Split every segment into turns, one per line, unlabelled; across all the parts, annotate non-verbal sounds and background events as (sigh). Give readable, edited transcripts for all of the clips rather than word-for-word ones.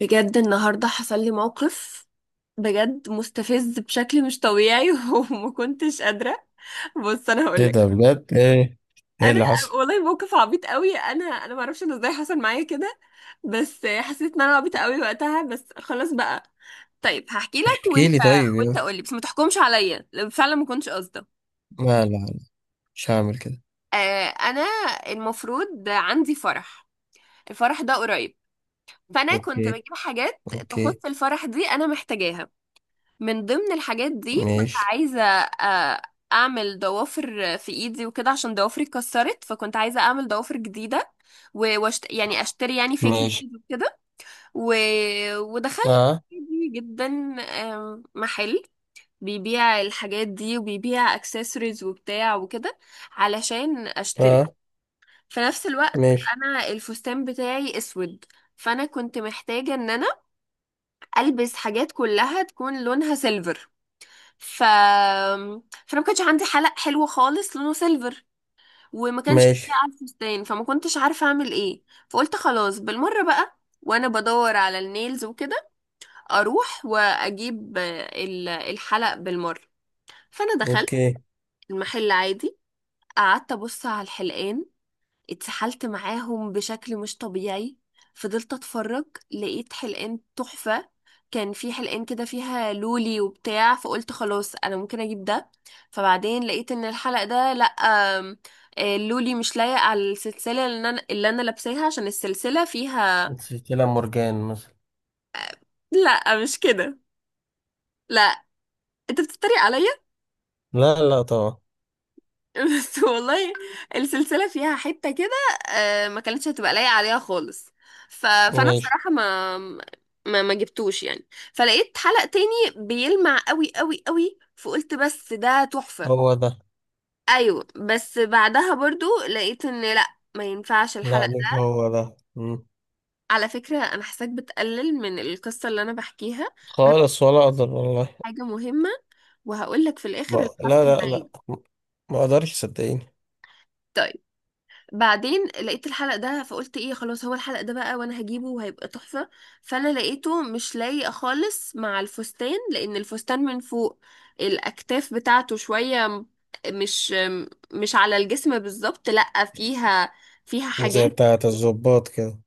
بجد النهاردة حصل لي موقف بجد مستفز بشكل مش طبيعي (laughs) وما كنتش قادرة. بص انا
ايه
هقولك.
ده بجد، ايه؟ ايه
انا
اللي حصل؟
والله موقف عبيط قوي. انا ما اعرفش انه ازاي حصل معايا كده، بس حسيت ان انا عبيطة قوي وقتها، بس خلاص بقى. طيب هحكي لك.
احكي
وانت
لي طيب
وانت
يا.
قولي بس ما تحكمش عليا لو فعلا ما كنتش قصده.
لا لا لا، مش هعمل كده.
انا المفروض عندي فرح. الفرح ده قريب، فانا كنت
اوكي.
بجيب حاجات
اوكي.
تخص الفرح دي انا محتاجاها. من ضمن الحاجات دي كنت
ماشي.
عايزة، أعمل ضوافر في إيدي وكده عشان ضوافري اتكسرت، فكنت عايزة أعمل ضوافر جديدة و- واشت... يعني أشتري يعني فيك
ماشي.
نيلز وكده و... ودخلت
اه.
عادي جدا، محل بيبيع الحاجات دي وبيبيع اكسسوارز وبتاع وكده علشان أشتري.
اه.
في نفس الوقت
ماشي.
أنا الفستان بتاعي أسود، فأنا كنت محتاجة إن أنا ألبس حاجات كلها تكون لونها سيلفر. ف فانا ما كانش عندي حلق حلو خالص لونه سيلفر وما كانش فيه
ماشي.
على الفستان، فما كنتش عارفه اعمل ايه. فقلت خلاص بالمره بقى، وانا بدور على النيلز وكده اروح واجيب، الحلق بالمره. فانا دخلت
اوكي.
المحل عادي، قعدت ابص على الحلقان، اتسحلت معاهم بشكل مش طبيعي، فضلت اتفرج. لقيت حلقان تحفة. كان في حلقان كده فيها لولي وبتاع، فقلت خلاص انا ممكن اجيب ده. فبعدين لقيت ان الحلقة ده لا، آم، آه، اللولي مش لايق على السلسلة اللي انا لابساها عشان السلسلة فيها.
سلسلة مورجان مثلا؟
لا مش كده، لا، انت بتتريق عليا.
لا لا طبعا.
(laughs) بس والله السلسلة فيها حتة كده، ما كانتش هتبقى لايقة عليها خالص. فأنا
ماشي.
بصراحة ما جبتوش يعني. فلقيت حلقة تاني بيلمع قوي قوي قوي، فقلت بس ده تحفة.
هو ده.
أيوة، بس بعدها برضو لقيت إن لأ، ما ينفعش
لا،
الحلقة
مش
ده.
هو ده. مم.
على فكرة أنا حاساك بتقلل من القصة اللي أنا بحكيها، وأنا
خالص، ولا اقدر والله.
حاجة مهمة وهقولك في الآخر
ما
اللي حصل
لا لا
معايا.
لا، ما اقدرش صدقيني.
طيب بعدين لقيت الحلق ده، فقلت ايه خلاص هو الحلق ده بقى، وانا هجيبه وهيبقى تحفة. فانا لقيته مش لايق خالص مع الفستان، لان الفستان من فوق الاكتاف بتاعته شوية مش م- مش على الجسم بالظبط، لا فيها
زي
حاجات.
بتاعة الضباط كده؟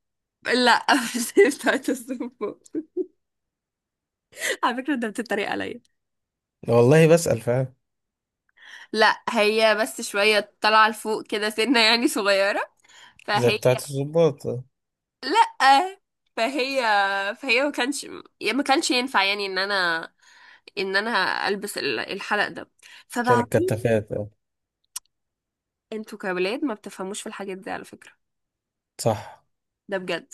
لا (laughs) مش بتاعت السم فوق. على فكرة انت بتتريق عليا.
والله بسأل فعلا.
لا هي بس شوية طالعة لفوق كده سنة يعني صغيرة.
زي
فهي
بتاعة الضباط آه.
لأ فهي فهي ما كانش، ما كانش ينفع يعني ان انا البس الحلق ده.
عشان
فبعدين
الكتافات آه.
انتوا كولاد ما بتفهموش في الحاجات دي على فكرة،
صح.
ده بجد.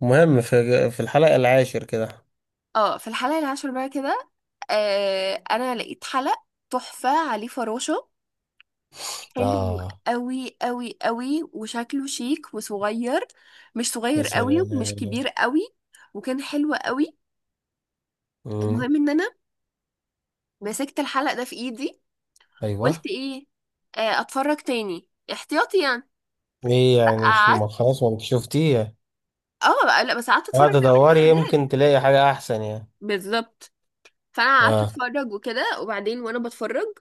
مهم، في الحلقة العاشر كده.
اه في الحلقة العاشر بقى كده، انا لقيت حلق تحفة عليه فراشة، حلو
اه.
قوي قوي قوي، وشكله شيك وصغير، مش
يا
صغير قوي
سلام.
ومش كبير قوي، وكان حلو قوي.
مم.
المهم ان انا مسكت الحلق ده في ايدي.
ايوه.
قلت ايه، اتفرج تاني احتياطي يعني.
ليه يعني
قعدت
ما خلاص، ما انت شفتيه.
اه بقى- لا بس قعدت اتفرج
قاعد
على بقية
ادوري
الحاجات،
يمكن تلاقي حاجة احسن يعني.
بالظبط. فانا قعدت
اه.
اتفرج وكده، وبعدين وانا بتفرج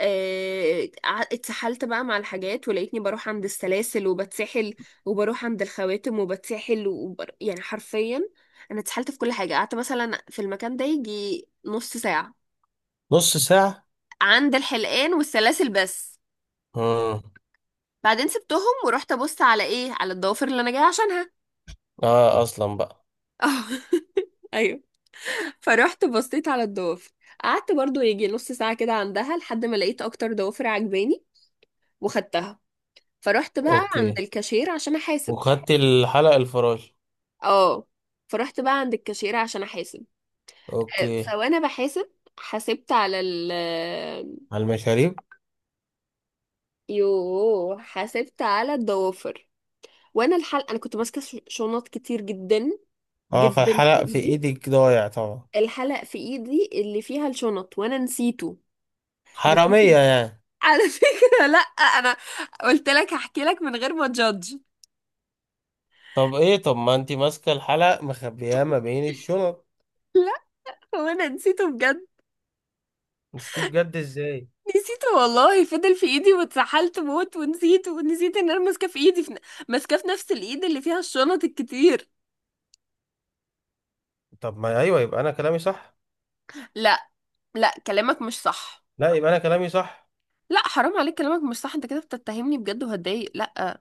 اتسحلت بقى مع الحاجات، ولقيتني بروح عند السلاسل وبتسحل، وبروح عند الخواتم وبتسحل وبر... يعني حرفيا انا اتسحلت في كل حاجة. قعدت مثلا في المكان ده يجي نص ساعة
نص ساعة.
عند الحلقان والسلاسل بس.
مم.
بعدين سبتهم ورحت ابص على ايه، على الضوافر اللي انا جايه عشانها.
اه اصلا بقى.
اه (laughs) ايوه. فروحت بصيت على الضوافر، قعدت برضو يجي نص ساعة كده عندها، لحد ما لقيت اكتر ضوافر عجباني وخدتها. فرحت بقى عند
اوكي.
الكاشير عشان احاسب.
وخدت الحلق الفراشي؟
اه فرحت بقى عند الكاشير عشان احاسب.
اوكي.
فوانا بحاسب، حاسبت على ال آه،
على المشاريب.
يوه حاسبت على الضوافر، وانا الحلقة انا كنت ماسكة شنط كتير جدا
اه،
جدا في
فالحلق في
ايدي.
ايدك ضايع طبعا.
الحلق في ايدي اللي فيها الشنط وانا نسيته،
حرامية
نسيت.
يعني؟
على فكرة لا انا قلت لك هحكي لك من غير ما تجادج.
طب ايه؟ طب ما انتي ماسكة الحلق مخبياه ما بين الشنط.
لا هو انا نسيته بجد.
نسيتيه بجد ازاي؟
نسيته والله، فضل في ايدي واتسحلت موت ونسيته ونسيت ان انا ماسكاه في ايدي ماسكاه في نفس الايد اللي فيها الشنط الكتير.
طب ما ايوه، يبقى انا كلامي صح.
لا، لا كلامك مش صح.
لا، يبقى انا كلامي صح.
لا حرام عليك، كلامك مش صح. انت كده بتتهمني بجد وهتضايق، لا.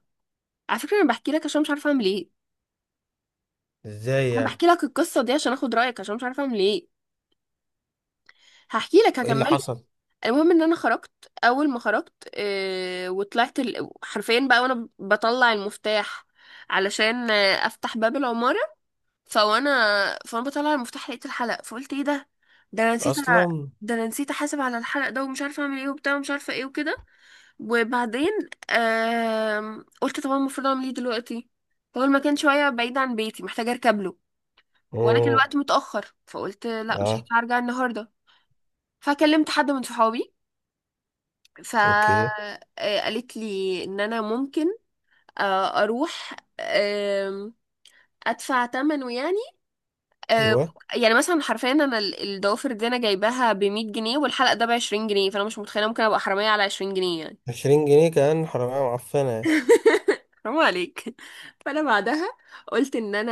على فكرة انا بحكي لك عشان مش عارفة اعمل ايه.
ازاي
انا
يعني؟
بحكي لك القصة دي عشان اخد رأيك، عشان مش عارفة اعمل ايه. هحكي لك،
وايه اللي
هكمل.
حصل
المهم ان انا خرجت. اول ما خرجت، حرفيا بقى وانا بطلع المفتاح علشان افتح باب العمارة، فوانا فانا بطلع المفتاح لقيت الحلق، فقلت ايه ده، ده انا
اصلا؟
ده انا نسيت احاسب على الحلق ده، ومش عارفه اعمل ايه وبتاع، ومش عارفه ايه وكده. وبعدين قلت طب أنا المفروض اعمل ايه دلوقتي. هو المكان شويه بعيد عن بيتي محتاجه اركب له، وانا كان
مم.
الوقت متاخر، فقلت لا مش
اه.
هينفع ارجع النهارده. فكلمت حد من صحابي،
اوكي.
فقالت لي ان انا ممكن اروح ادفع ثمنه يعني. آه،
ايوه.
يعني مثلا حرفيا انا الضوافر دي انا جايباها ب 100 جنيه، والحلقه ده ب 20 جنيه، فانا مش متخيله ممكن ابقى حراميه على 20 جنيه يعني.
20 جنيه كان حرامية معفنة يعني.
حرام عليك. (laughs) فانا بعدها قلت ان انا،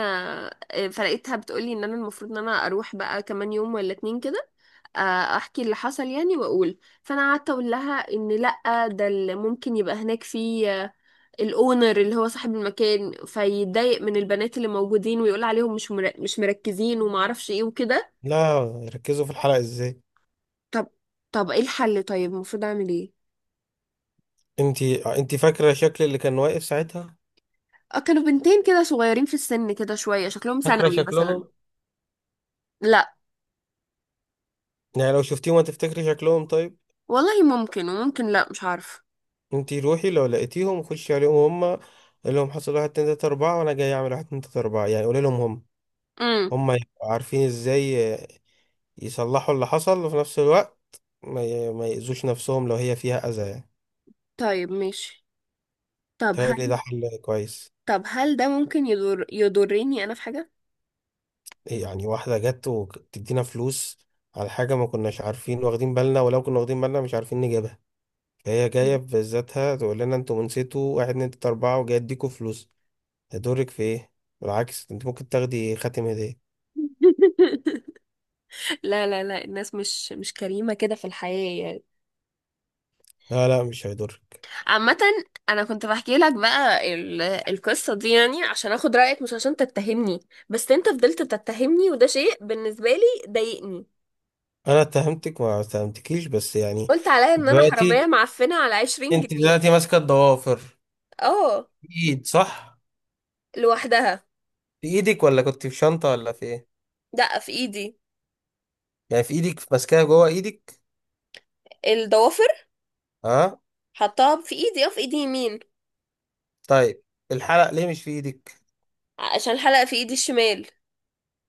فلقيتها بتقولي ان انا المفروض ان انا اروح بقى كمان يوم ولا اتنين كده، آه، احكي اللي حصل يعني واقول. فانا قعدت اقول لها ان لا، ده اللي ممكن يبقى هناك في، الاونر اللي هو صاحب المكان فيتضايق من البنات اللي موجودين، ويقول عليهم مش مركزين وما اعرفش ايه وكده.
لا، ركزوا في الحلقة ازاي؟
طب طب ايه الحل، طيب المفروض اعمل ايه.
انتي فاكرة شكل اللي كان واقف ساعتها؟
كانوا بنتين كده صغيرين في السن، كده شوية شكلهم
فاكرة
ثانوي مثلا.
شكلهم؟
لا
يعني لو شفتيهم هتفتكري شكلهم طيب؟
والله ممكن، وممكن لا، مش عارفه.
انتي روحي لو لقيتيهم خشي عليهم هما. قول لهم حصل واحد اتنين تلاتة أربعة، وأنا جاي أعمل واحد اتنين تلاتة أربعة يعني، قولي لهم هم.
امم
هما يبقوا عارفين ازاي يصلحوا اللي حصل، وفي نفس الوقت ما يأذوش نفسهم لو هي فيها أذى يعني.
طيب ماشي. طب
تهيألي
هل
ده حل كويس.
طب هل ده ممكن يضرني انا في حاجة.
إيه يعني؟ واحدة جت وتدينا فلوس على حاجة ما كناش عارفين واخدين بالنا، ولو كنا واخدين بالنا مش عارفين نجيبها. هي جاية في ذاتها تقول لنا انتوا نسيتوا واحد اتنين تلاتة أربعة وجاي اديكوا فلوس، هيضرك في ايه؟ بالعكس، انت ممكن تاخدي خاتم هدية.
(laughs) لا لا لا الناس مش كريمة كده في الحياة يعني،
لا لا، مش هيضرك.
عامة. أنا كنت بحكي لك بقى القصة دي يعني عشان أخد رأيك، مش عشان تتهمني. بس أنت فضلت تتهمني، وده شيء بالنسبة لي ضايقني.
أنا اتهمتك؟ ما اتهمتكيش، بس يعني.
قلت عليا إن أنا حرامية
دلوقتي،
معفنة على 20
انت
جنيه
دلوقتي ماسكة الضوافر
اه
في ايد، صح؟
لوحدها.
في ايدك ولا كنت في شنطة ولا في ايه؟
دقة في إيدي.
يعني في ايدك ماسكاها جوه ايدك؟
الضوافر
اه.
حطها في إيدي، اه في إيدي يمين.
طيب. الحلق ليه مش في ايدك؟
عشان الحلقة في إيدي الشمال.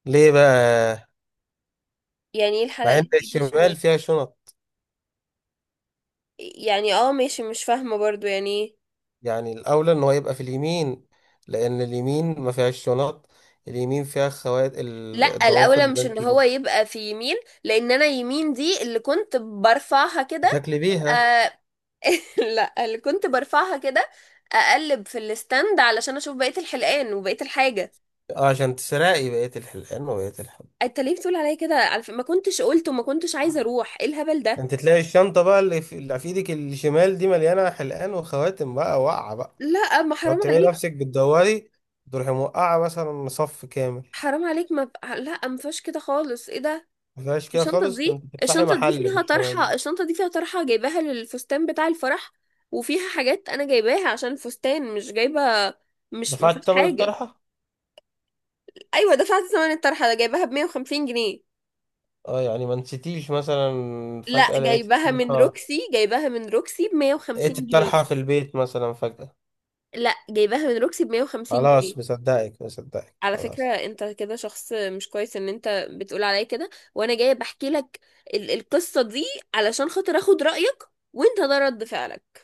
ليه بقى؟
يعني إيه الحلقة
مع
اللي
ان
في إيدي الشمال.
الشمال فيها شنط.
يعني اه ماشي، مش فاهمة برضو يعني إيه.
يعني الأولى إن هو يبقى في اليمين، لأن اليمين ما فيهاش شنط. اليمين فيها خوات
لا
الضوافر
الاولى
اللي
مش ان
بنتي
هو يبقى في يمين، لان انا يمين دي اللي كنت برفعها كده.
بتاكلي بيها.
آه (laughs) لا اللي كنت برفعها كده اقلب في الستاند علشان اشوف بقية الحلقان وبقية الحاجة.
آه، عشان تسرقي بقية الحلقان وبقية الحب.
انت ليه بتقول عليا كده، على ما كنتش قلت وما كنتش عايزة اروح ايه الهبل ده.
أنت تلاقي الشنطة بقى، اللي في إيدك الشمال دي مليانة حلقان وخواتم بقى واقعة بقى.
لا ما
لو
حرام
بتعملي
عليك.
نفسك بتدوري، تروحي موقعة مثلا صف كامل.
حرام عليك ما ب... لا ما فيهاش كده خالص، ايه ده.
ما فيهاش كده خالص، ده أنت تفتحي
الشنطة دي
محل
فيها
مش.
طرحة. الشنطة دي فيها طرحة جايباها للفستان بتاع الفرح، وفيها حاجات انا جايباها عشان الفستان، مش جايبة، مش ما
دفعت
فيهاش
تمن
حاجة.
الطرحة؟
ايوه دفعت ثمن الطرحة، ده جايباها ب 150 جنيه.
اه، يعني ما نسيتيش مثلا
لا
فجأة لقيت
جايباها من
الطرحة؟
روكسي، جايباها من روكسي ب
لقيت
150 جنيه.
الطرحة في البيت مثلا فجأة؟
لا جايباها من روكسي ب 150 جنيه.
خلاص مصدقك مصدقك
على فكرة
خلاص.
انت كده شخص مش كويس، ان انت بتقول عليا كده وانا جاية بحكي لك القصة دي علشان خاطر اخد رأيك، وانت ده رد فعلك.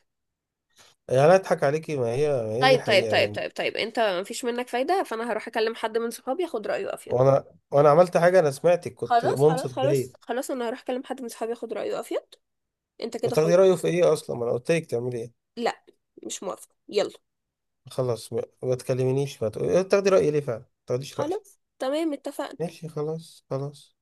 يا لا اضحك عليكي، ما هي دي
طيب طيب
الحقيقة
طيب
مني.
طيب طيب انت مفيش منك فايدة، فانا هروح اكلم حد من صحابي اخد رأيه افيد.
وانا وانا عملت حاجة؟ انا سمعتك، كنت
خلاص خلاص
منصت
خلاص
جيد.
خلاص انا هروح اكلم حد من صحابي اخد رأيه افيد. انت كده
وتاخدي
خلاص.
رأيه في ايه اصلا؟ ما انا قلت لك تعملي ايه.
لا مش موافقة، يلا.
خلاص ما تكلمنيش، ما تقولي تاخدي رأيي ليه فعلا، ما تاخديش رأيي.
خلاص تمام اتفقنا.
ماشي خلاص خلاص.